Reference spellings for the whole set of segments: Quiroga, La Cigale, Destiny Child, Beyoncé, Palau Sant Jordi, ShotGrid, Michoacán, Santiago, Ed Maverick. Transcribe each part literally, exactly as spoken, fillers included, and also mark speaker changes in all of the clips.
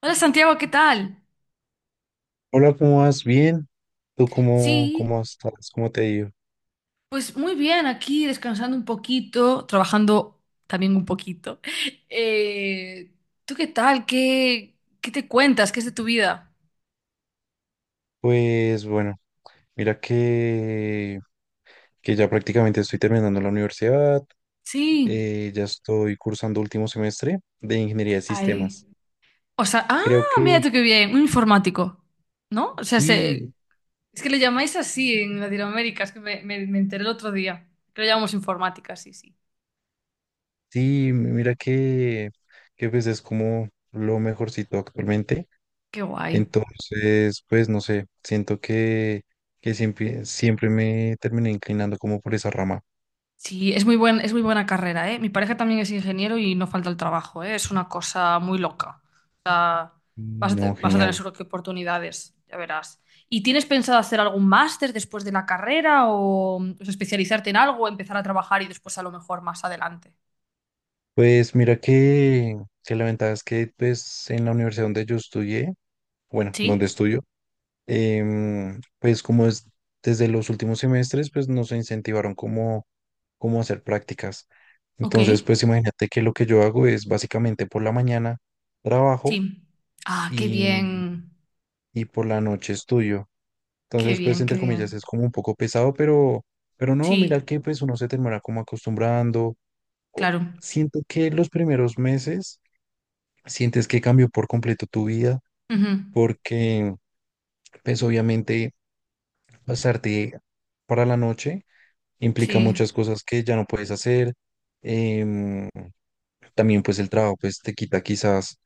Speaker 1: Hola Santiago, ¿qué tal?
Speaker 2: Hola, ¿cómo vas? Bien. ¿Tú cómo,
Speaker 1: Sí,
Speaker 2: cómo estás? ¿Cómo te ha ido?
Speaker 1: pues muy bien, aquí descansando un poquito, trabajando también un poquito. Eh, ¿tú qué tal? ¿Qué, qué te cuentas? ¿Qué es de tu vida?
Speaker 2: Pues bueno, mira que, que ya prácticamente estoy terminando la universidad,
Speaker 1: Sí,
Speaker 2: eh, ya estoy cursando último semestre de ingeniería de
Speaker 1: ay.
Speaker 2: sistemas.
Speaker 1: O sea, ah,
Speaker 2: Creo que
Speaker 1: mira tú qué bien, un informático, ¿no? O sea, se-
Speaker 2: sí,
Speaker 1: es que le llamáis así en Latinoamérica, es que me, me, me enteré el otro día, que lo llamamos informática, sí, sí.
Speaker 2: sí, mira que, que pues es como lo mejorcito actualmente.
Speaker 1: Qué guay.
Speaker 2: Entonces, pues no sé, siento que, que siempre, siempre me terminé inclinando como por esa rama.
Speaker 1: Sí, es muy buen, es muy buena carrera, ¿eh? Mi pareja también es ingeniero y no falta el trabajo, ¿eh? Es una cosa muy loca. O sea, vas a, te-
Speaker 2: No,
Speaker 1: vas a tener
Speaker 2: genial.
Speaker 1: seguro que oportunidades, ya verás. ¿Y tienes pensado hacer algún máster después de la carrera o, mm, o sea, especializarte en algo, empezar a trabajar y después a lo mejor más adelante?
Speaker 2: Pues mira que, que la ventaja es que pues en la universidad donde yo estudié, bueno, donde
Speaker 1: Sí,
Speaker 2: estudio, em, pues como es desde los últimos semestres, pues nos incentivaron como, como hacer prácticas.
Speaker 1: ok,
Speaker 2: Entonces, pues imagínate que lo que yo hago es básicamente por la mañana trabajo
Speaker 1: sí. Ah, qué
Speaker 2: y,
Speaker 1: bien,
Speaker 2: y por la noche estudio.
Speaker 1: qué
Speaker 2: Entonces, pues
Speaker 1: bien, qué
Speaker 2: entre comillas
Speaker 1: bien.
Speaker 2: es como un poco pesado, pero, pero no,
Speaker 1: Sí,
Speaker 2: mira que pues uno se termina como acostumbrando. O-
Speaker 1: claro.
Speaker 2: Siento que los primeros meses sientes que cambió por completo tu vida,
Speaker 1: Ujú.
Speaker 2: porque pues obviamente pasarte para la noche implica
Speaker 1: Sí,
Speaker 2: muchas cosas que ya no puedes hacer. em, También pues el trabajo pues te quita quizás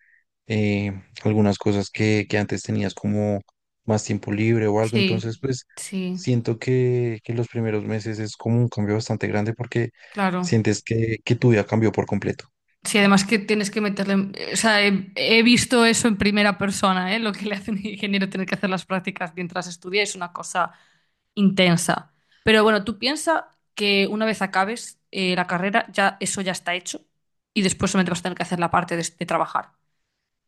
Speaker 2: eh, algunas cosas que, que antes tenías como más tiempo libre o algo.
Speaker 1: sí,
Speaker 2: Entonces pues
Speaker 1: sí,
Speaker 2: siento que, que los primeros meses es como un cambio bastante grande porque
Speaker 1: claro.
Speaker 2: sientes que, que tu vida cambió por completo.
Speaker 1: Sí, además que tienes que meterle. O sea, he, he visto eso en primera persona, ¿eh? Lo que le hacen al ingeniero tener que hacer las prácticas mientras estudia es una cosa intensa. Pero bueno, tú piensas que una vez acabes eh, la carrera, ya eso ya está hecho y después solamente vas a tener que hacer la parte de, de trabajar.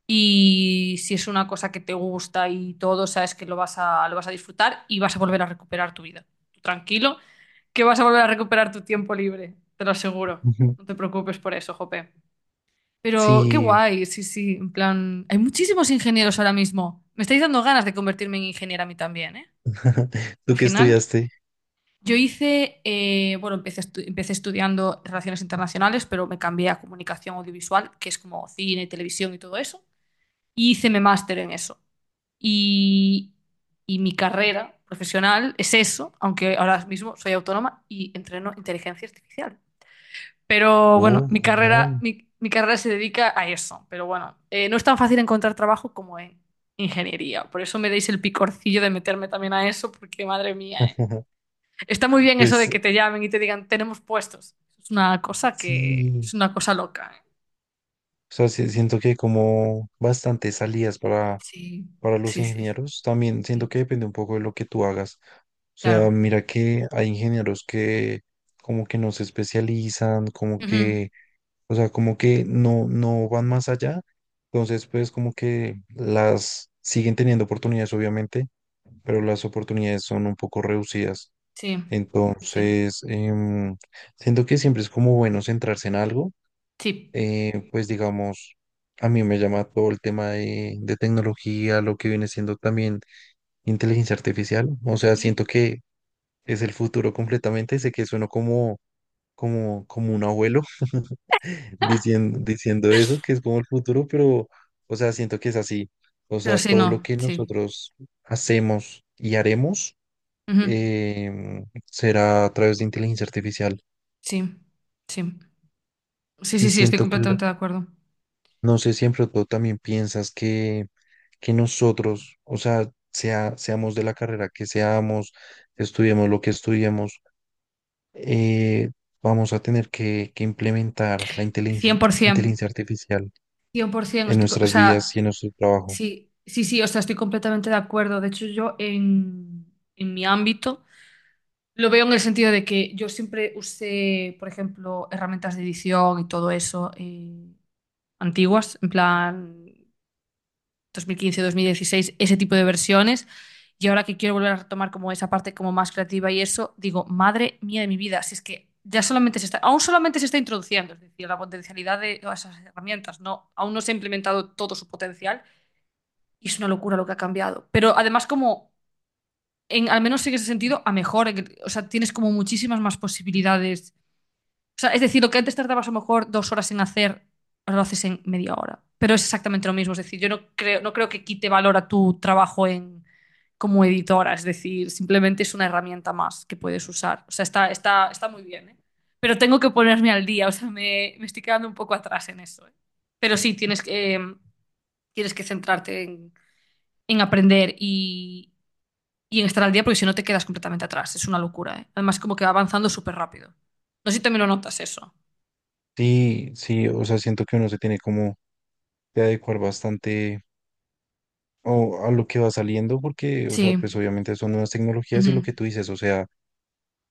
Speaker 1: Y si es una cosa que te gusta y todo, sabes que lo vas a, lo vas a disfrutar y vas a volver a recuperar tu vida. Tú tranquilo, que vas a volver a recuperar tu tiempo libre, te lo aseguro.
Speaker 2: Ujú.
Speaker 1: No te preocupes por eso, Jope. Pero qué
Speaker 2: Sí,
Speaker 1: guay, sí, sí, en plan, hay muchísimos ingenieros ahora mismo. Me estáis dando ganas de convertirme en ingeniera a mí también, ¿eh? Al
Speaker 2: tú que
Speaker 1: final,
Speaker 2: estudiaste.
Speaker 1: yo hice, eh, bueno, empecé, estu- empecé estudiando relaciones internacionales, pero me cambié a comunicación audiovisual, que es como cine, televisión y todo eso, y hice mi máster en eso. Y, y mi carrera profesional es eso, aunque ahora mismo soy autónoma y entreno inteligencia artificial. Pero bueno,
Speaker 2: Oh,
Speaker 1: mi carrera,
Speaker 2: genial.
Speaker 1: mi, mi carrera se dedica a eso. Pero bueno, eh, no es tan fácil encontrar trabajo como en ingeniería. Por eso me deis el picorcillo de meterme también a eso, porque madre mía, eh. Está muy bien eso de
Speaker 2: Pues
Speaker 1: que te llamen y te digan, tenemos puestos. Es una cosa que es
Speaker 2: sí,
Speaker 1: una cosa loca, eh.
Speaker 2: o sea, sí- siento que hay como bastantes salidas para,
Speaker 1: Sí,
Speaker 2: para los
Speaker 1: sí, sí, sí,
Speaker 2: ingenieros. También siento
Speaker 1: sí.
Speaker 2: que depende un poco de lo que tú hagas. O
Speaker 1: Claro.
Speaker 2: sea, mira que hay ingenieros que como que no se especializan, como
Speaker 1: Ujú.
Speaker 2: que, o sea, como que no, no van más allá. Entonces, pues como que las siguen teniendo oportunidades, obviamente, pero las oportunidades son un poco reducidas.
Speaker 1: Sí, sí,
Speaker 2: Entonces, em, siento que siempre es como bueno centrarse en algo,
Speaker 1: sí.
Speaker 2: eh, pues digamos, a mí me llama todo el tema de, de tecnología, lo que viene siendo también inteligencia artificial. O sea, siento
Speaker 1: Sí.
Speaker 2: que es el futuro completamente. Sé que sueno como, como, como un abuelo diciendo, diciendo eso, que es como el futuro, pero, o sea, siento que es así. O
Speaker 1: Pero
Speaker 2: sea,
Speaker 1: sí,
Speaker 2: todo lo
Speaker 1: no,
Speaker 2: que
Speaker 1: sí.
Speaker 2: nosotros hacemos y haremos,
Speaker 1: Ujú.
Speaker 2: em, será a través de inteligencia artificial.
Speaker 1: Sí, sí. Sí, sí,
Speaker 2: Y
Speaker 1: sí, estoy
Speaker 2: siento que, lo-
Speaker 1: completamente de acuerdo.
Speaker 2: no sé si en pronto también piensas que que nosotros, o sea, sea, seamos de la carrera que seamos, estudiemos lo que estudiemos, eh, vamos a tener que, que implementar la inteligencia,
Speaker 1: cien por ciento.
Speaker 2: inteligencia artificial
Speaker 1: cien por ciento,
Speaker 2: en
Speaker 1: estoy, co- o
Speaker 2: nuestras vidas
Speaker 1: sea,
Speaker 2: y en nuestro trabajo.
Speaker 1: sí, sí, sí, o sea, estoy completamente de acuerdo. De hecho, yo en, en mi ámbito lo veo en el sentido de que yo siempre usé, por ejemplo, herramientas de edición y todo eso eh, antiguas, en plan dos dos mil quince dos mil dieciséis, ese tipo de versiones. Y ahora que quiero volver a retomar como esa parte como más creativa y eso, digo, madre mía de mi vida, si es que ya solamente se está, aún solamente se está introduciendo, es decir, la potencialidad de todas esas herramientas, no, aún no se ha implementado todo su potencial. Y es una locura lo que ha cambiado. Pero además como, en, al menos en ese sentido, a mejor. en que- O sea, tienes como muchísimas más posibilidades. O sea, es decir, lo que antes tardabas a lo mejor dos horas en hacer, ahora lo haces en media hora. Pero es exactamente lo mismo. Es decir, yo no creo, no creo que quite valor a tu trabajo en, como editora. Es decir, simplemente es una herramienta más que puedes usar. O sea, está, está, está muy bien, ¿eh? Pero tengo que ponerme al día. O sea, me, me estoy quedando un poco atrás en eso, ¿eh? Pero sí, tienes que, eh, tienes que centrarte en en aprender y, y en estar al día, porque si no te quedas completamente atrás. Es una locura, ¿eh? Además, como que va avanzando súper rápido. No sé si también lo notas eso.
Speaker 2: Sí, sí, o sea, siento que uno se tiene como que adecuar bastante o, a lo que va saliendo, porque, o sea,
Speaker 1: Sí,
Speaker 2: pues obviamente son nuevas tecnologías y lo
Speaker 1: ujú.
Speaker 2: que tú dices, o sea,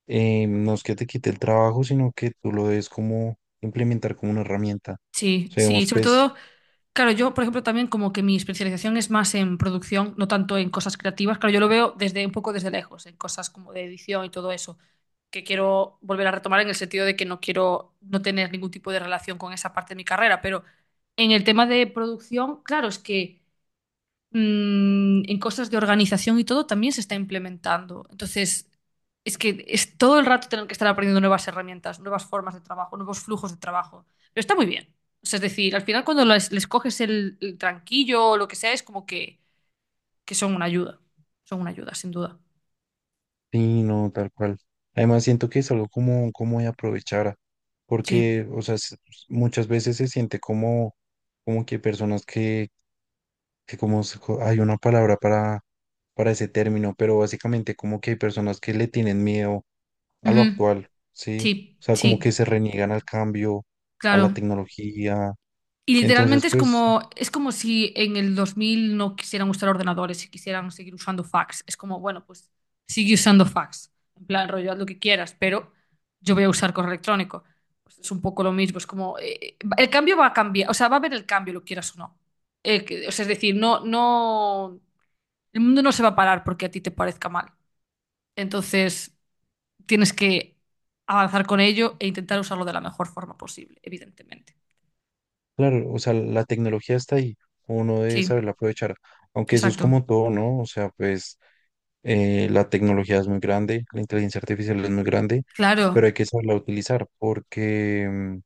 Speaker 2: eh, no es que te quite el trabajo, sino que tú lo debes como implementar como una herramienta.
Speaker 1: Sí,
Speaker 2: O sea,
Speaker 1: sí.
Speaker 2: digamos,
Speaker 1: Sobre
Speaker 2: pues
Speaker 1: todo, claro, yo, por ejemplo, también como que mi especialización es más en producción, no tanto en cosas creativas. Claro, yo lo veo desde un poco desde lejos, en cosas como de edición y todo eso, que quiero volver a retomar en el sentido de que no quiero no tener ningún tipo de relación con esa parte de mi carrera, pero en el tema de producción, claro, es que mm, en cosas de organización y todo también se está implementando. Entonces, es que es todo el rato tener que estar aprendiendo nuevas herramientas, nuevas formas de trabajo, nuevos flujos de trabajo. Pero está muy bien. O sea, es decir, al final cuando les, les coges el, el tranquillo o lo que sea, es como que, que son una ayuda. Son una ayuda, sin duda.
Speaker 2: sí, no, tal cual. Además, siento que es algo como, como de aprovechar,
Speaker 1: Sí.
Speaker 2: porque, o sea, s- muchas veces se siente como, como que personas que, que como, se co- hay una palabra para, para ese término, pero básicamente como que hay personas que le tienen miedo a lo
Speaker 1: Ujú.
Speaker 2: actual, ¿sí?
Speaker 1: Sí,
Speaker 2: O sea, como que
Speaker 1: sí,
Speaker 2: se reniegan al cambio, a la
Speaker 1: claro.
Speaker 2: tecnología.
Speaker 1: Y
Speaker 2: Entonces,
Speaker 1: literalmente es
Speaker 2: pues,
Speaker 1: como, es como si en el dos mil no quisieran usar ordenadores y quisieran seguir usando fax. Es como, bueno, pues sigue usando fax. En plan, rollo, haz lo que quieras, pero yo voy a usar correo electrónico. Pues es un poco lo mismo. Es como, eh, eh, el cambio va a cambiar, o sea, va a haber el cambio, lo quieras o no. Eh, que- o sea, es decir, no, no, el mundo no se va a parar porque a ti te parezca mal. Entonces, tienes que avanzar con ello e intentar usarlo de la mejor forma posible, evidentemente.
Speaker 2: claro, o sea, la tecnología está ahí, uno debe
Speaker 1: Sí,
Speaker 2: saberla aprovechar, aunque eso es
Speaker 1: exacto.
Speaker 2: como todo, ¿no? O sea, pues eh, la tecnología es muy grande, la inteligencia artificial es muy grande, pero
Speaker 1: Claro.
Speaker 2: hay que saberla utilizar porque, mm,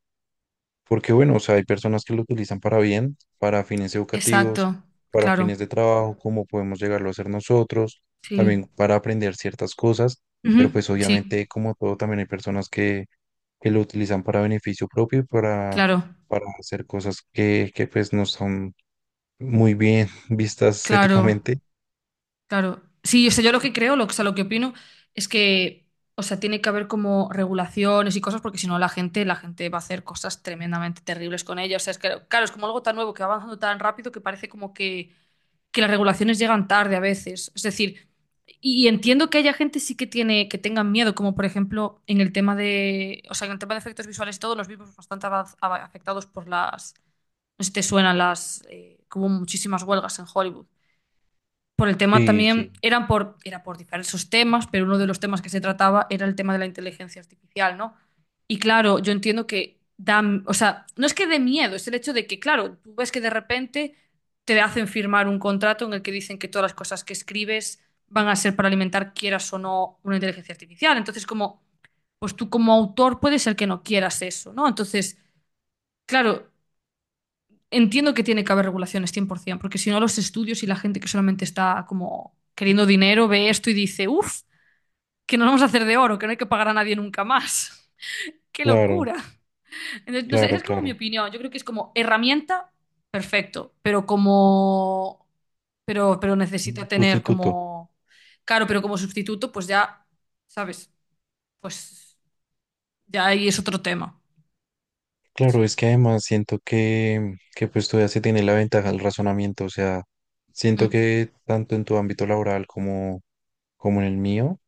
Speaker 2: porque bueno, o sea, hay personas que lo utilizan para bien, para fines
Speaker 1: Exacto,
Speaker 2: educativos, para
Speaker 1: claro,
Speaker 2: fines de trabajo, como podemos llegarlo a hacer nosotros,
Speaker 1: sí.
Speaker 2: también para aprender ciertas cosas,
Speaker 1: Ujú.
Speaker 2: pero pues
Speaker 1: Sí,
Speaker 2: obviamente como todo también hay personas que, que lo utilizan para beneficio propio y para,
Speaker 1: claro,
Speaker 2: para hacer cosas que, que pues no son muy bien vistas
Speaker 1: claro,
Speaker 2: éticamente.
Speaker 1: claro. Sí, o sea, yo lo que creo, lo, o sea, lo que opino es que, o sea, tiene que haber como regulaciones y cosas porque si no la gente, la gente va a hacer cosas tremendamente terribles con ella. O sea, es que, claro, es como algo tan nuevo que va avanzando tan rápido que parece como que, que las regulaciones llegan tarde a veces. Es decir, y, y entiendo que haya gente sí que tiene, que tengan miedo, como por ejemplo en el tema de, o sea, en el tema de efectos visuales y todo, los vimos bastante avaz- ava- afectados por las. No sé si te suenan las, eh, que hubo muchísimas huelgas en Hollywood. Por el tema
Speaker 2: Sí,
Speaker 1: también,
Speaker 2: sí,
Speaker 1: eran por, era por diversos temas, pero uno de los temas que se trataba era el tema de la inteligencia artificial, ¿no? Y claro, yo entiendo que da, o sea, no es que dé miedo, es el hecho de que, claro, tú ves que de repente te hacen firmar un contrato en el que dicen que todas las cosas que escribes van a ser para alimentar, quieras o no, una inteligencia artificial. Entonces, como, pues tú como autor puede ser que no quieras eso, ¿no? Entonces, claro, entiendo que tiene que haber regulaciones cien por ciento, porque si no los estudios y la gente que solamente está como queriendo dinero ve esto y dice, uff, que nos vamos a hacer de oro, que no hay que pagar a nadie nunca más. ¡Qué
Speaker 2: claro,
Speaker 1: locura! Entonces, no sé, esa
Speaker 2: claro,
Speaker 1: es como mi
Speaker 2: claro.
Speaker 1: opinión. Yo creo que es como herramienta, perfecto, pero como... Pero, pero necesita tener
Speaker 2: Sustituto.
Speaker 1: como... Claro, pero como sustituto, pues ya, ¿sabes? Pues ya ahí es otro tema.
Speaker 2: Claro,
Speaker 1: Sí.
Speaker 2: es que además siento que, que pues tú ya se tiene la ventaja del razonamiento, o sea, siento
Speaker 1: Mm.
Speaker 2: que tanto en tu ámbito laboral como, como en el mío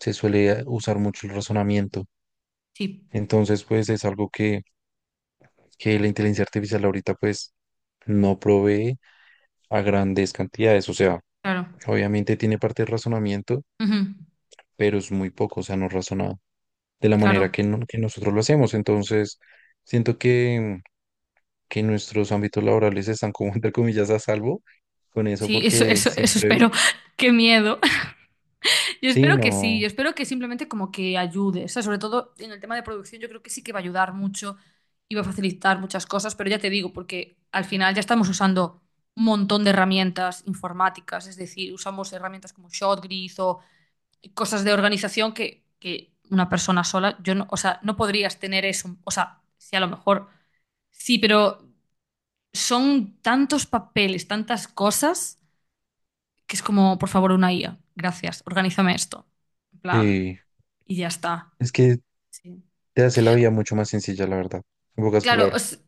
Speaker 2: se suele usar mucho el razonamiento.
Speaker 1: Sí,
Speaker 2: Entonces, pues es algo que, que la inteligencia artificial ahorita pues no provee a grandes cantidades, o sea,
Speaker 1: claro.
Speaker 2: obviamente tiene parte de razonamiento,
Speaker 1: Ujú.
Speaker 2: pero es muy poco, o sea, no razona de la
Speaker 1: Claro.
Speaker 2: manera que, no- que nosotros lo hacemos. Entonces, siento que... que nuestros ámbitos laborales están como entre comillas a salvo con eso
Speaker 1: Sí, eso,
Speaker 2: porque
Speaker 1: eso, eso
Speaker 2: siempre,
Speaker 1: espero. Qué miedo. Yo
Speaker 2: sí,
Speaker 1: espero que sí, yo
Speaker 2: no,
Speaker 1: espero que simplemente como que ayude. O sea, sobre todo en el tema de producción, yo creo que sí que va a ayudar mucho y va a facilitar muchas cosas, pero ya te digo, porque al final ya estamos usando un montón de herramientas informáticas, es decir, usamos herramientas como ShotGrid o cosas de organización que, que una persona sola, yo no, o sea, no podrías tener eso. O sea, sí, a lo mejor sí, pero son tantos papeles, tantas cosas que es como, por favor, una I A, gracias, organízame esto, en plan,
Speaker 2: sí,
Speaker 1: y ya está.
Speaker 2: es que
Speaker 1: Sí.
Speaker 2: te hace la vida mucho más sencilla, la verdad, en pocas
Speaker 1: Claro,
Speaker 2: palabras.
Speaker 1: os-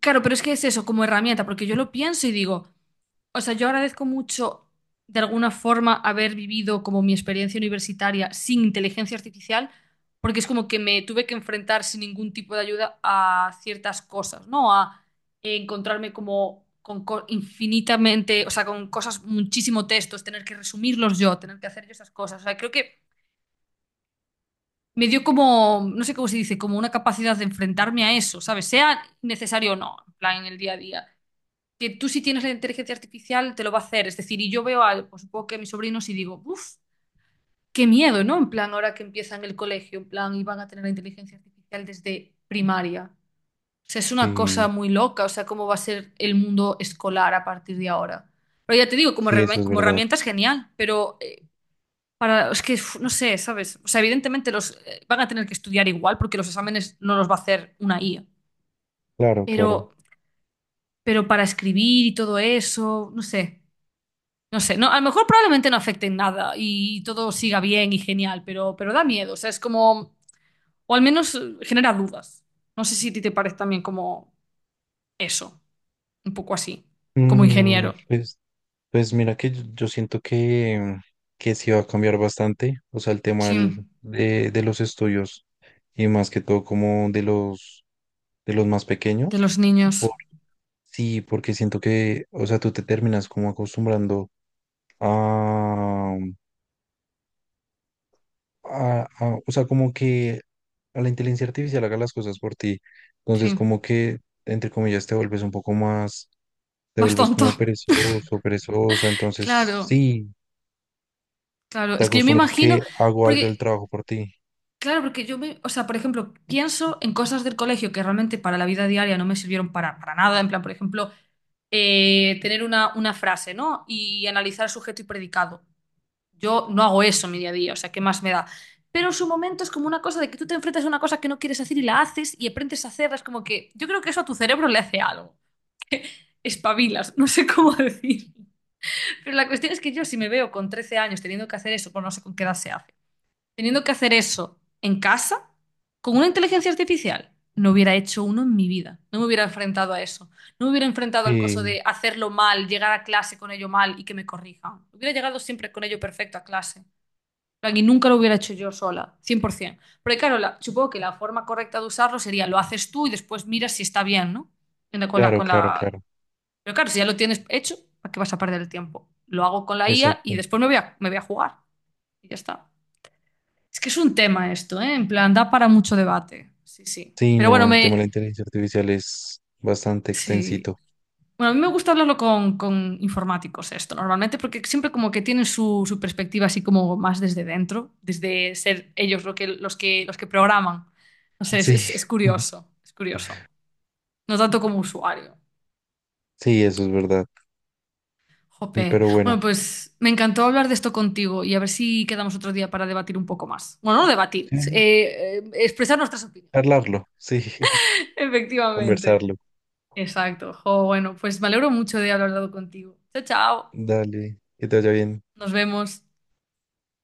Speaker 1: claro, pero es que es eso, como herramienta, porque yo lo pienso y digo, o sea, yo agradezco mucho de alguna forma haber vivido como mi experiencia universitaria sin inteligencia artificial, porque es como que me tuve que enfrentar sin ningún tipo de ayuda a ciertas cosas, ¿no? A encontrarme como con co- infinitamente, o sea, con cosas, muchísimo textos, tener que resumirlos yo, tener que hacer yo esas cosas. O sea, creo que me dio como, no sé cómo se dice, como una capacidad de enfrentarme a eso, ¿sabes? Sea necesario o no, en plan, en el día a día. Que tú si tienes la inteligencia artificial te lo va a hacer. Es decir, y yo veo a, pues, supongo que a mis sobrinos y digo, uff, qué miedo, ¿no? En plan, ahora que empiezan el colegio, en plan, y van a tener la inteligencia artificial desde primaria. O sea, es una cosa
Speaker 2: Sí,
Speaker 1: muy loca, o sea, cómo va a ser el mundo escolar a partir de ahora. Pero ya te digo, como,
Speaker 2: sí, eso
Speaker 1: herramienta-
Speaker 2: es
Speaker 1: como
Speaker 2: verdad.
Speaker 1: herramienta es genial, pero para, es que uf, no sé, ¿sabes? O sea, evidentemente los eh, van a tener que estudiar igual porque los exámenes no los va a hacer una I A.
Speaker 2: Claro, claro.
Speaker 1: Pero, pero para escribir y todo eso, no sé, no sé. No, a lo mejor probablemente no afecte en nada y todo siga bien y genial, pero, pero da miedo. O sea, es como, o al menos eh, genera dudas. No sé si a ti te parece también como eso, un poco así, como
Speaker 2: Mm,
Speaker 1: ingeniero.
Speaker 2: pues, pues mira que yo, yo siento que, que sí va a cambiar bastante, o sea, el tema
Speaker 1: Sí,
Speaker 2: del- de, de los estudios y más que todo como de los, de los más
Speaker 1: de
Speaker 2: pequeños.
Speaker 1: los
Speaker 2: Por-
Speaker 1: niños.
Speaker 2: sí, porque siento que, o sea, tú te terminas como acostumbrando a, a- a- o sea, como que a la inteligencia artificial haga las cosas por ti.
Speaker 1: Sí,
Speaker 2: Entonces, como que, entre comillas, te vuelves un poco más, te
Speaker 1: más
Speaker 2: vuelves
Speaker 1: tonto.
Speaker 2: como perezoso, perezosa. Entonces,
Speaker 1: Claro,
Speaker 2: sí,
Speaker 1: claro.
Speaker 2: te
Speaker 1: Es que yo me
Speaker 2: acostumbras
Speaker 1: imagino,
Speaker 2: que hago algo el
Speaker 1: porque
Speaker 2: trabajo por ti.
Speaker 1: claro, porque yo me, o sea, por ejemplo, pienso en cosas del colegio que realmente para la vida diaria no me sirvieron para, para nada, en plan, por ejemplo, eh, tener una, una frase, ¿no? Y analizar sujeto y predicado. Yo no hago eso en mi día a día, o sea, ¿qué más me da? Pero en su momento es como una cosa de que tú te enfrentas a una cosa que no quieres hacer y la haces y aprendes a hacerla, es como que yo creo que eso a tu cerebro le hace algo, que espabilas, no sé cómo decir. Pero la cuestión es que yo si me veo con trece años teniendo que hacer eso, pues no sé con qué edad se hace. Teniendo que hacer eso en casa, con una inteligencia artificial, no hubiera hecho uno en mi vida. No me hubiera enfrentado a eso. No me hubiera enfrentado al coso
Speaker 2: Sí,
Speaker 1: de hacerlo mal, llegar a clase con ello mal y que me corrijan. Hubiera llegado siempre con ello perfecto a clase. En plan, y nunca lo hubiera hecho yo sola, cien por ciento. Porque claro, la- supongo que la forma correcta de usarlo sería lo haces tú y después miras si está bien, ¿no? En la- Con la,
Speaker 2: claro,
Speaker 1: con
Speaker 2: claro,
Speaker 1: la...
Speaker 2: claro.
Speaker 1: Pero claro, si ya lo tienes hecho, ¿para qué vas a perder el tiempo? Lo hago con la I A y
Speaker 2: Exacto.
Speaker 1: después me voy a, me voy a jugar. Y ya está. Es que es un tema esto, ¿eh? En plan, da para mucho debate. Sí, sí.
Speaker 2: Sí,
Speaker 1: Pero bueno,
Speaker 2: no, el
Speaker 1: me.
Speaker 2: tema de la inteligencia artificial es bastante
Speaker 1: Sí.
Speaker 2: extensito.
Speaker 1: Bueno, a mí me gusta hablarlo con, con informáticos esto, normalmente, porque siempre como que tienen su, su perspectiva así como más desde dentro, desde ser ellos lo que, los que, los que programan. No sé, es,
Speaker 2: Sí,
Speaker 1: es- es curioso, es curioso. No tanto como usuario.
Speaker 2: sí, eso es verdad.
Speaker 1: Jope.
Speaker 2: Pero bueno,
Speaker 1: Bueno, pues me encantó hablar de esto contigo y a ver si quedamos otro día para debatir un poco más. Bueno, no debatir,
Speaker 2: sí,
Speaker 1: eh, eh, expresar nuestras opiniones.
Speaker 2: hablarlo, sí,
Speaker 1: Efectivamente.
Speaker 2: conversarlo.
Speaker 1: Exacto. Jo, bueno, pues me alegro mucho de haber hablado contigo. Chao, chao.
Speaker 2: Dale, que te vaya bien.
Speaker 1: Nos vemos.